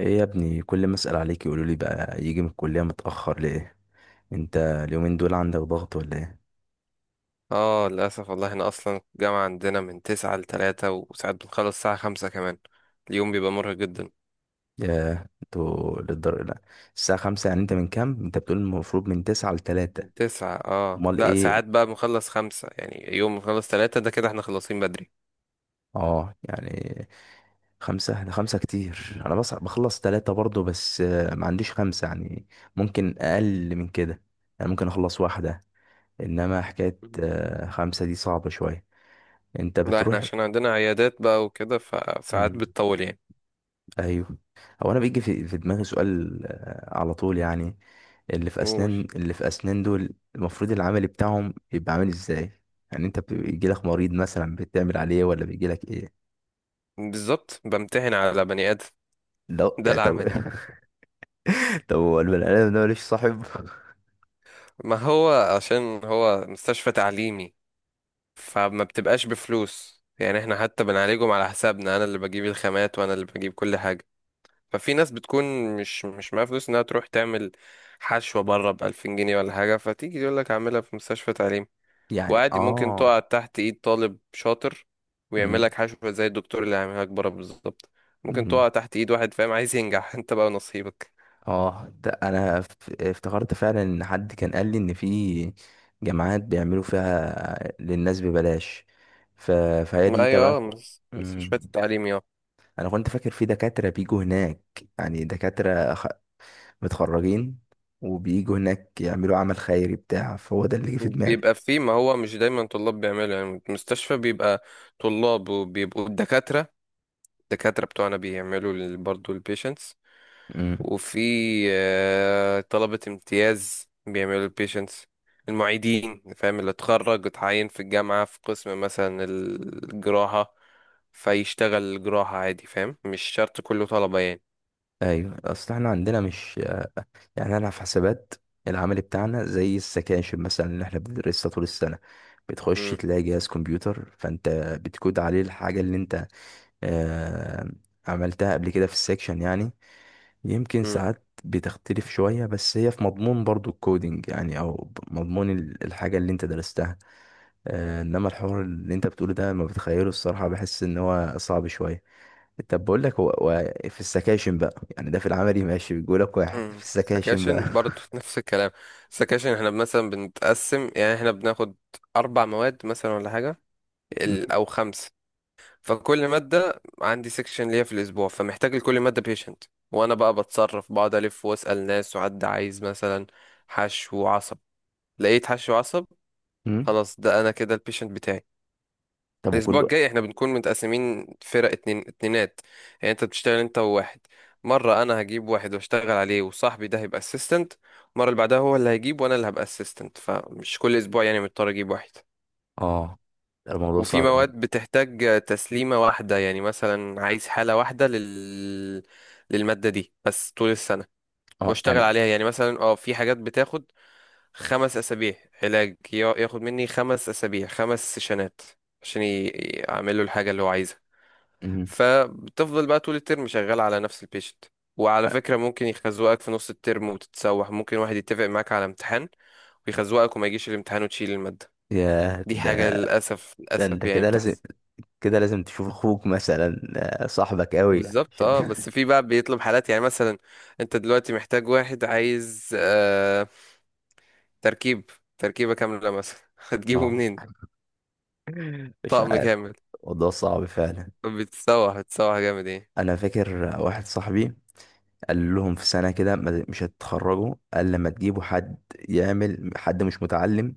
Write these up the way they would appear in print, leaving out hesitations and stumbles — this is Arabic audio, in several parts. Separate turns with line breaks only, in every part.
ايه يا ابني، كل ما اسال عليك يقولوا لي بقى يجي من الكليه متاخر ليه؟ انت اليومين دول عندك ضغط ولا ايه؟
اه للأسف، والله احنا أصلا الجامعة عندنا من تسعة لتلاتة، وساعات بنخلص الساعة خمسة كمان. اليوم بيبقى مرهق جدا.
يا انتوا للدر لا. الساعه خمسة يعني؟ انت من كام؟ انت بتقول المفروض من تسعة لتلاتة.
تسعة
امال
لا ساعات
ايه؟
بقى بنخلص خمسة، يعني يوم بنخلص تلاتة ده كده احنا خلصين بدري.
اه يعني، خمسة ده خمسة كتير. انا بص بخلص تلاتة برضو، بس ما عنديش خمسة يعني. ممكن اقل من كده، يعني ممكن اخلص واحدة. انما حكاية
مم.
خمسة دي صعبة شوية. انت
لا احنا
بتروح؟
عشان عندنا عيادات بقى وكده فساعات
مم.
بتطول يعني.
ايوه. هو انا بيجي في دماغي سؤال على طول يعني. اللي في
قول.
اسنان اللي في اسنان دول المفروض العمل بتاعهم يبقى عامل ازاي؟ يعني انت بيجي لك مريض مثلا بتعمل عليه، ولا بيجي لك ايه؟
بالظبط، بمتحن على بني آدم.
لا
ده
يعني، طب
العملي.
طب هو البني ادم ده ماليش صاحب؟
ما هو عشان هو مستشفى تعليمي. فما بتبقاش بفلوس يعني، احنا حتى بنعالجهم على حسابنا، انا اللي بجيب الخامات وانا اللي بجيب كل حاجة. ففي ناس بتكون مش معاها فلوس انها تروح تعمل حشوة بره بألفين جنيه ولا حاجة، فتيجي يقول لك اعملها في مستشفى تعليم.
يعني
وعادي ممكن
اه.
تقع تحت ايد طالب شاطر ويعمل
امم
لك حشوة زي الدكتور اللي هيعملها لك بره بالظبط. ممكن
امم
تقع تحت ايد واحد فاهم عايز ينجح. انت بقى نصيبك.
اه، ده انا افتكرت فعلا ان حد كان قال لي ان في جامعات بيعملوا فيها للناس ببلاش، ف... فهي
ما
دي
هي
تبعكم.
مستشفيات التعليم اه.
انا كنت فاكر في دكاترة بيجوا هناك، يعني متخرجين وبيجوا هناك يعملوا عمل خيري بتاع، فهو ده اللي جه في دماغي.
بيبقى فيه، ما هو مش دايما طلاب بيعملوا يعني، المستشفى بيبقى طلاب، وبيبقوا الدكاترة. الدكاترة بتوعنا بيعملوا برضه البيشنتس.
امم
وفي طلبة امتياز بيعملوا البيشنتس. المعيدين فاهم، اللي اتخرج اتعين في الجامعة في قسم مثلا الجراحة، فيشتغل الجراحة عادي، فاهم، مش شرط كله طلبة يعني.
ايوه، اصل احنا عندنا مش، يعني انا في حسابات. العمل بتاعنا زي السكاشن مثلا اللي احنا بندرسها طول السنه، بتخش
مم،
تلاقي جهاز كمبيوتر فانت بتكود عليه الحاجه اللي انت آه عملتها قبل كده في السكشن يعني. يمكن
مم،
ساعات بتختلف شويه، بس هي في مضمون برضو الكودينج يعني، او مضمون الحاجه اللي انت درستها. انما الحوار اللي انت بتقوله ده لما بتخيله، الصراحه بحس ان هو صعب شويه. طب بقول لك، هو في السكاشن بقى، يعني ده في العملي ماشي، بيقول لك واحد في
مم.
السكاشن بقى.
سكاشن برضو نفس الكلام. سكاشن احنا مثلا بنتقسم، يعني احنا بناخد أربع مواد مثلا ولا حاجة، أو خمس. فكل مادة عندي سيكشن ليا في الأسبوع، فمحتاج لكل مادة بيشنت. وأنا بقى بتصرف، بقعد ألف وأسأل ناس، وحد عايز مثلا حشو وعصب، لقيت حشو وعصب،
م- م.
خلاص ده أنا كده البيشنت بتاعي.
طب
الأسبوع
وكله،
الجاي احنا بنكون متقسمين فرق، اتنين اتنينات، يعني انت بتشتغل انت وواحد. مرة أنا هجيب واحد واشتغل عليه وصاحبي ده هيبقى اسيستنت، المرة اللي بعدها هو اللي هيجيب وأنا اللي هبقى اسيستنت، فمش كل أسبوع يعني مضطر أجيب واحد.
اه ده الموضوع
وفي
صعب يعني.
مواد بتحتاج تسليمة واحدة، يعني مثلا عايز حالة واحدة للمادة دي بس طول السنة
اه
واشتغل
يعني.
عليها، يعني مثلا في حاجات بتاخد خمس أسابيع علاج، ياخد مني خمس أسابيع خمس سيشنات، عشان أعمل له الحاجة اللي هو عايزها.
م.
فبتفضل بقى طول الترم شغال على نفس البيشنت. وعلى
آه،
فكرة ممكن يخزوقك في نص الترم وتتسوح، ممكن واحد يتفق معاك على امتحان ويخزوقك وما يجيش الامتحان وتشيل المادة،
يا
دي حاجة
ده،
للأسف،
ده انت
للأسف يعني
كده لازم
بتحصل.
كده لازم تشوف اخوك مثلا، صاحبك قوي
بالظبط
عشان
اه، بس في بقى بيطلب حالات، يعني مثلا انت دلوقتي محتاج واحد عايز تركيب، تركيبة كاملة مثلا هتجيبه
اه،
منين؟
مش
طقم
عارف.
كامل.
الموضوع صعب فعلا.
بتسوح، بتسوح جامد، ايه.
انا فاكر واحد صاحبي قال لهم في سنة كده مش هتتخرجوا، قال لما تجيبوا حد يعمل، حد مش متعلم،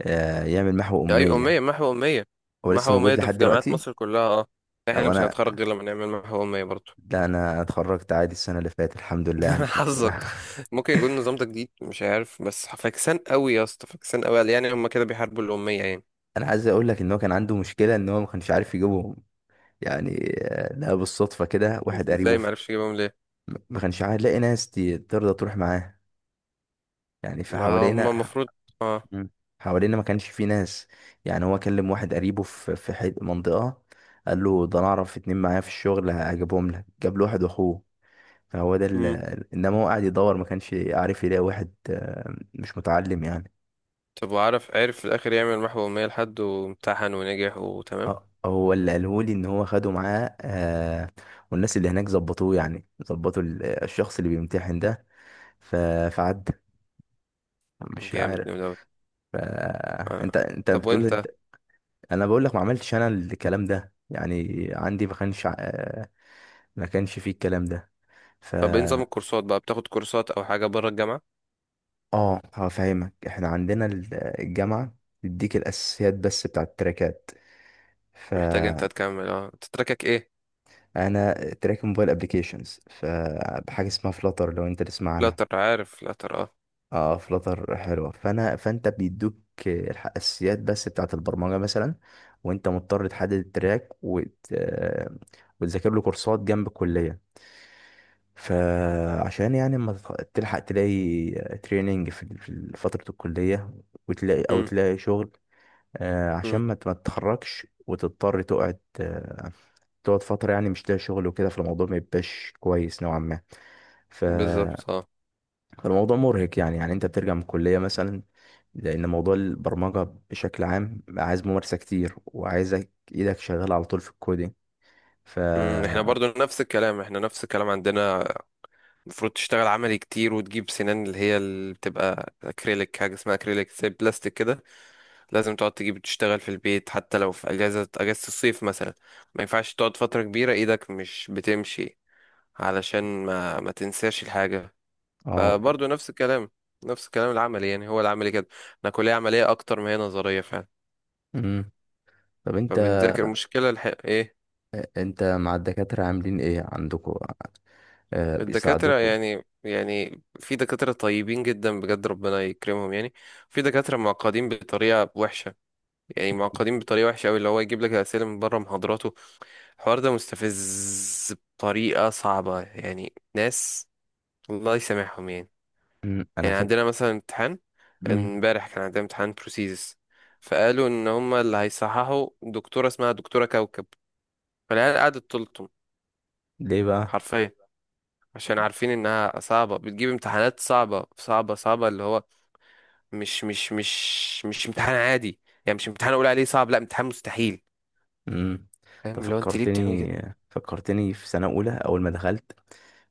يعمل محو
اي أمية،
أمية.
محو أمية.
هو لسه
محو أمية
موجود
ده
لحد
في جامعات
دلوقتي؟
مصر كلها اه، احنا
لو
مش
أنا،
هنتخرج غير لما نعمل محو أمية برضه.
لا أنا اتخرجت عادي السنة اللي فاتت، الحمد لله يعني.
حظك. ممكن يكون النظام ده جديد مش عارف، بس فاكسان قوي يا اسطى، فاكسان قوي، يعني هما كده بيحاربوا الأمية يعني.
أنا عايز أقول لك إن هو كان عنده مشكلة، إن هو ما كانش عارف يجيبهم، يعني لقى بالصدفة كده واحد قريبه
ازاي معرفش يجيبهم ليه؟
ما كانش عارف لاقي ناس ترضى تروح معاه، يعني
ما هما
فحوالينا.
المفروض اه.
مم. حوالينا ما كانش في ناس، يعني هو كلم واحد قريبه في منطقة، قال له ده انا اعرف اتنين معايا في الشغل هجيبهم لك. جاب له واحد واخوه، فهو ده انما هو قاعد يدور ما كانش عارف يلاقي واحد مش متعلم يعني.
طب وعرف، عرف في الآخر يعمل محو أمية لحد وامتحن ونجح وتمام؟
هو اللي قاله لي ان هو خده معاه، والناس اللي هناك ظبطوه، يعني ظبطوا الشخص اللي بيمتحن ده. ف- فعدى،
طب،
مش
جامد
عارف.
جامد أوي.
ف- انت
آه.
انت
طب
بتقول،
وأنت؟
انت انا بقول لك ما عملتش انا الكلام ده يعني. عندي ما كانش، فيه الكلام ده. ف
طب إيه نظام الكورسات بقى؟ بتاخد كورسات أو حاجة بره الجامعة؟
اه هفهمك. احنا عندنا الجامعه بتديك الاساسيات بس بتاع التراكات.
محتاج أنت
فانا
تكمل أنت تراكك إيه؟
تراك موبايل ابلكيشنز، فبحاجه اسمها فلاتر، لو انت تسمع عنها.
فلاتر، عارف فلاتر اه.
اه، فلاتر حلوه. فانت بيدوك الاساسيات بس بتاعه البرمجه مثلا، وانت مضطر تحدد التراك وتذاكر له كورسات جنب الكليه، فعشان يعني اما تلحق تلاقي تريننج في في فترة الكلية، وتلاقي أو
مم.
تلاقي شغل، عشان
مم.
ما ما تتخرجش وتضطر تقعد، تقعد فترة يعني مش لاقي شغل وكده، فالموضوع ما يبقاش كويس نوعا ما. ف-
بالظبط اه.
فالموضوع مرهق يعني أنت بترجع من الكلية مثلا، لأن موضوع البرمجة بشكل عام عايز ممارسة كتير، وعايزك إيدك شغالة على طول في الكودينج. ف
مم. احنا برضو نفس الكلام، احنا نفس الكلام عندنا. المفروض تشتغل عملي كتير، وتجيب سنان اللي هي اللي بتبقى اكريليك، حاجه اسمها اكريليك زي بلاستيك كده. لازم تقعد تجيب تشتغل في البيت حتى لو في اجازة الصيف مثلا. ما ينفعش تقعد فترة كبيرة ايدك مش بتمشي، علشان ما تنساش الحاجة.
اه.
فبرضه نفس الكلام، نفس الكلام العملي يعني، هو العملي كده. انا كلية عملية اكتر ما هي نظرية فعلا.
مم. طب انت،
فبنذاكر مشكلة ايه.
انت مع الدكاترة عاملين ايه عندكوا؟ آه،
الدكاترة
بيساعدوكوا؟
يعني في دكاترة طيبين جدا بجد ربنا يكرمهم يعني. في دكاترة معقدين بطريقة وحشة، يعني معقدين بطريقة وحشة أوي، اللي هو يجيب لك أسئلة من بره محاضراته. الحوار ده مستفز بطريقة صعبة، يعني ناس الله يسامحهم يعني.
انا
يعني
فاكر.
عندنا مثلا امتحان، امبارح كان عندنا امتحان بروسيس. فقالوا ان هما اللي هيصححوا دكتورة اسمها دكتورة كوكب. فالعيال قعدت تلطم،
ليه بقى؟
حرفيا. عشان عارفين انها صعبة، بتجيب امتحانات صعبة صعبة صعبة، اللي هو مش امتحان عادي. يعني مش امتحان اقول عليه صعب، لا، امتحان مستحيل.
مم، انت
فاهم، اللي هو انت ليه بتعملي كده؟
فكرتني في سنة اولى اول ما دخلت،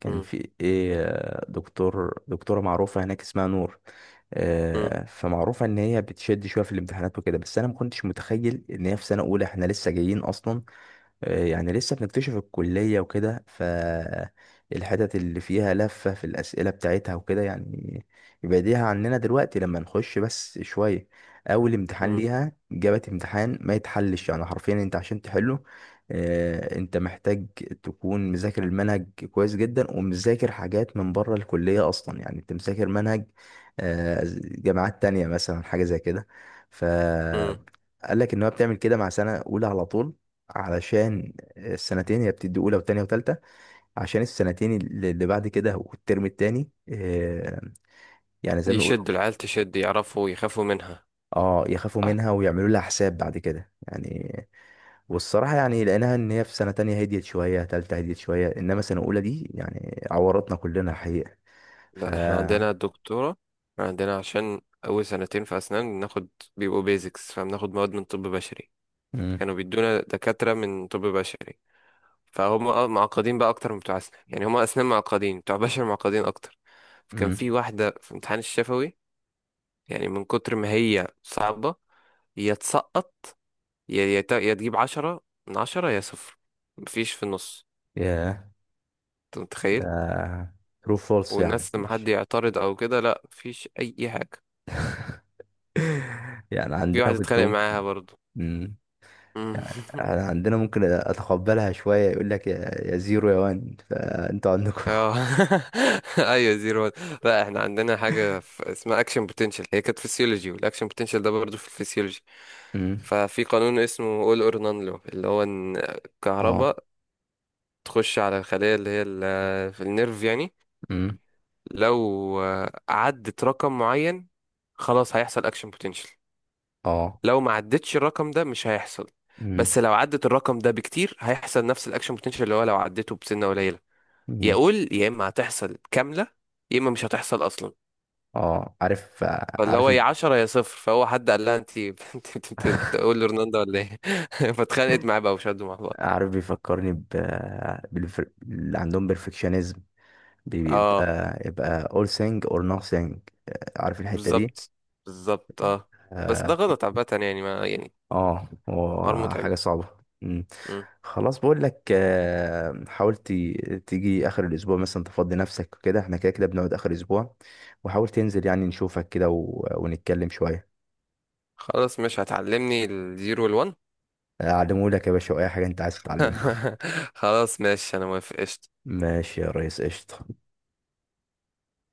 كان
مم،
في ايه دكتورة معروفة هناك اسمها نور.
مم،
فمعروفة ان هي بتشد شوية في الامتحانات وكده، بس انا ما كنتش متخيل ان هي في سنة اولى، احنا لسه جايين اصلا، يعني لسه بنكتشف الكلية وكده، فالحتت اللي فيها لفة في الأسئلة بتاعتها وكده يعني يبعديها عننا دلوقتي لما نخش بس شوية. أول امتحان
مم،
ليها جابت امتحان ما يتحلش، يعني حرفيا أنت عشان تحله، أنت محتاج تكون مذاكر المنهج كويس جدا ومذاكر حاجات من بره الكلية أصلا. يعني أنت مذاكر منهج جامعات تانية مثلا، حاجة زي كده. ف
مم.
قال لك ان هو بتعمل كده مع سنه اولى على طول، علشان السنتين، هي بتدي اولى وتانية وتالتة، عشان السنتين اللي بعد كده والترم التاني يعني زي ما يقولوا.
يشد العيال، تشد، يعرفوا يخافوا منها.
اه، يخافوا
صح.
منها ويعملوا لها حساب بعد كده يعني. والصراحه يعني لقيناها ان هي في سنه تانية هديت شويه، تالتة هديت شويه، انما سنه اولى دي يعني عورتنا كلنا الحقيقه. ف
لا احنا عندنا الدكتورة، إحنا عندنا عشان أول سنتين في أسنان ناخد، بيبقوا بيزكس، فبناخد مواد من طب بشري.
امم
فكانوا بيدونا دكاترة من طب بشري. فهم معقدين بقى أكتر من بتوع أسنان، يعني هم أسنان معقدين، بتوع بشر معقدين أكتر. فكان
امم
في واحدة في امتحان الشفوي، يعني من كتر ما هي صعبة، يا تسقط، يا تجيب عشرة من عشرة، يا صفر، مفيش في النص.
يا
أنت متخيل؟
ترو فولس يعني
والناس لما حد
مش.
يعترض او كده، لا مفيش اي حاجه.
يعني
وفي
عندنا
واحد
كنت
اتخانق معاها
ممكن.
برضو.
مم.
مم.
يعني احنا عندنا ممكن اتقبلها شوية، يقول لك يا زيرو يا وان، فانتوا عندكم
اه. ايوه زيرو وان. لا احنا عندنا حاجه اسمها اكشن بوتنشال، هي كانت فيسيولوجي، والاكشن بوتنشال ده برضو في الفسيولوجي.
امم.
ففي قانون اسمه اول اور نان لو، اللي هو ان
اه.
الكهرباء تخش على الخليه اللي هي في النيرف يعني.
امم.
لو عدت رقم معين خلاص هيحصل اكشن بوتنشال.
اه.
لو ما عدتش الرقم ده مش هيحصل.
امم
بس لو عدت الرقم ده بكتير هيحصل نفس الاكشن بوتنشال، اللي هو لو عدته بسنه قليله.
امم.
يقول يا اما هتحصل كامله، يا اما مش هتحصل اصلا.
اه، عارف.
فاللي
عارف
هو يا 10 يا صفر، فهو حد قال لها انت تقول لرونالدو ولا ايه؟ فاتخانقت معاه بقى وشدوا مع بعض.
عارف، بيفكرني ب، اللي عندهم بيرفكشنزم،
اه.
بيبقى all thing or nothing. عارف الحتة دي؟
بالظبط، بالظبط اه. بس
آه.
ده غلط عامه يعني، ما يعني.
اه، هو
حوار متعب.
حاجة صعبة. مم.
مم.
خلاص، بقول لك حاول تيجي اخر الاسبوع مثلا، تفضي نفسك وكده، احنا كده كده بنقعد اخر اسبوع، وحاول تنزل يعني نشوفك كده ونتكلم شوية.
خلاص مش هتعلمني الزيرو والون.
اعلمه لك يا باشا، اي حاجة انت عايز تتعلمها.
خلاص ماشي، انا موافق، قشطة.
ماشي يا ريس، قشطة.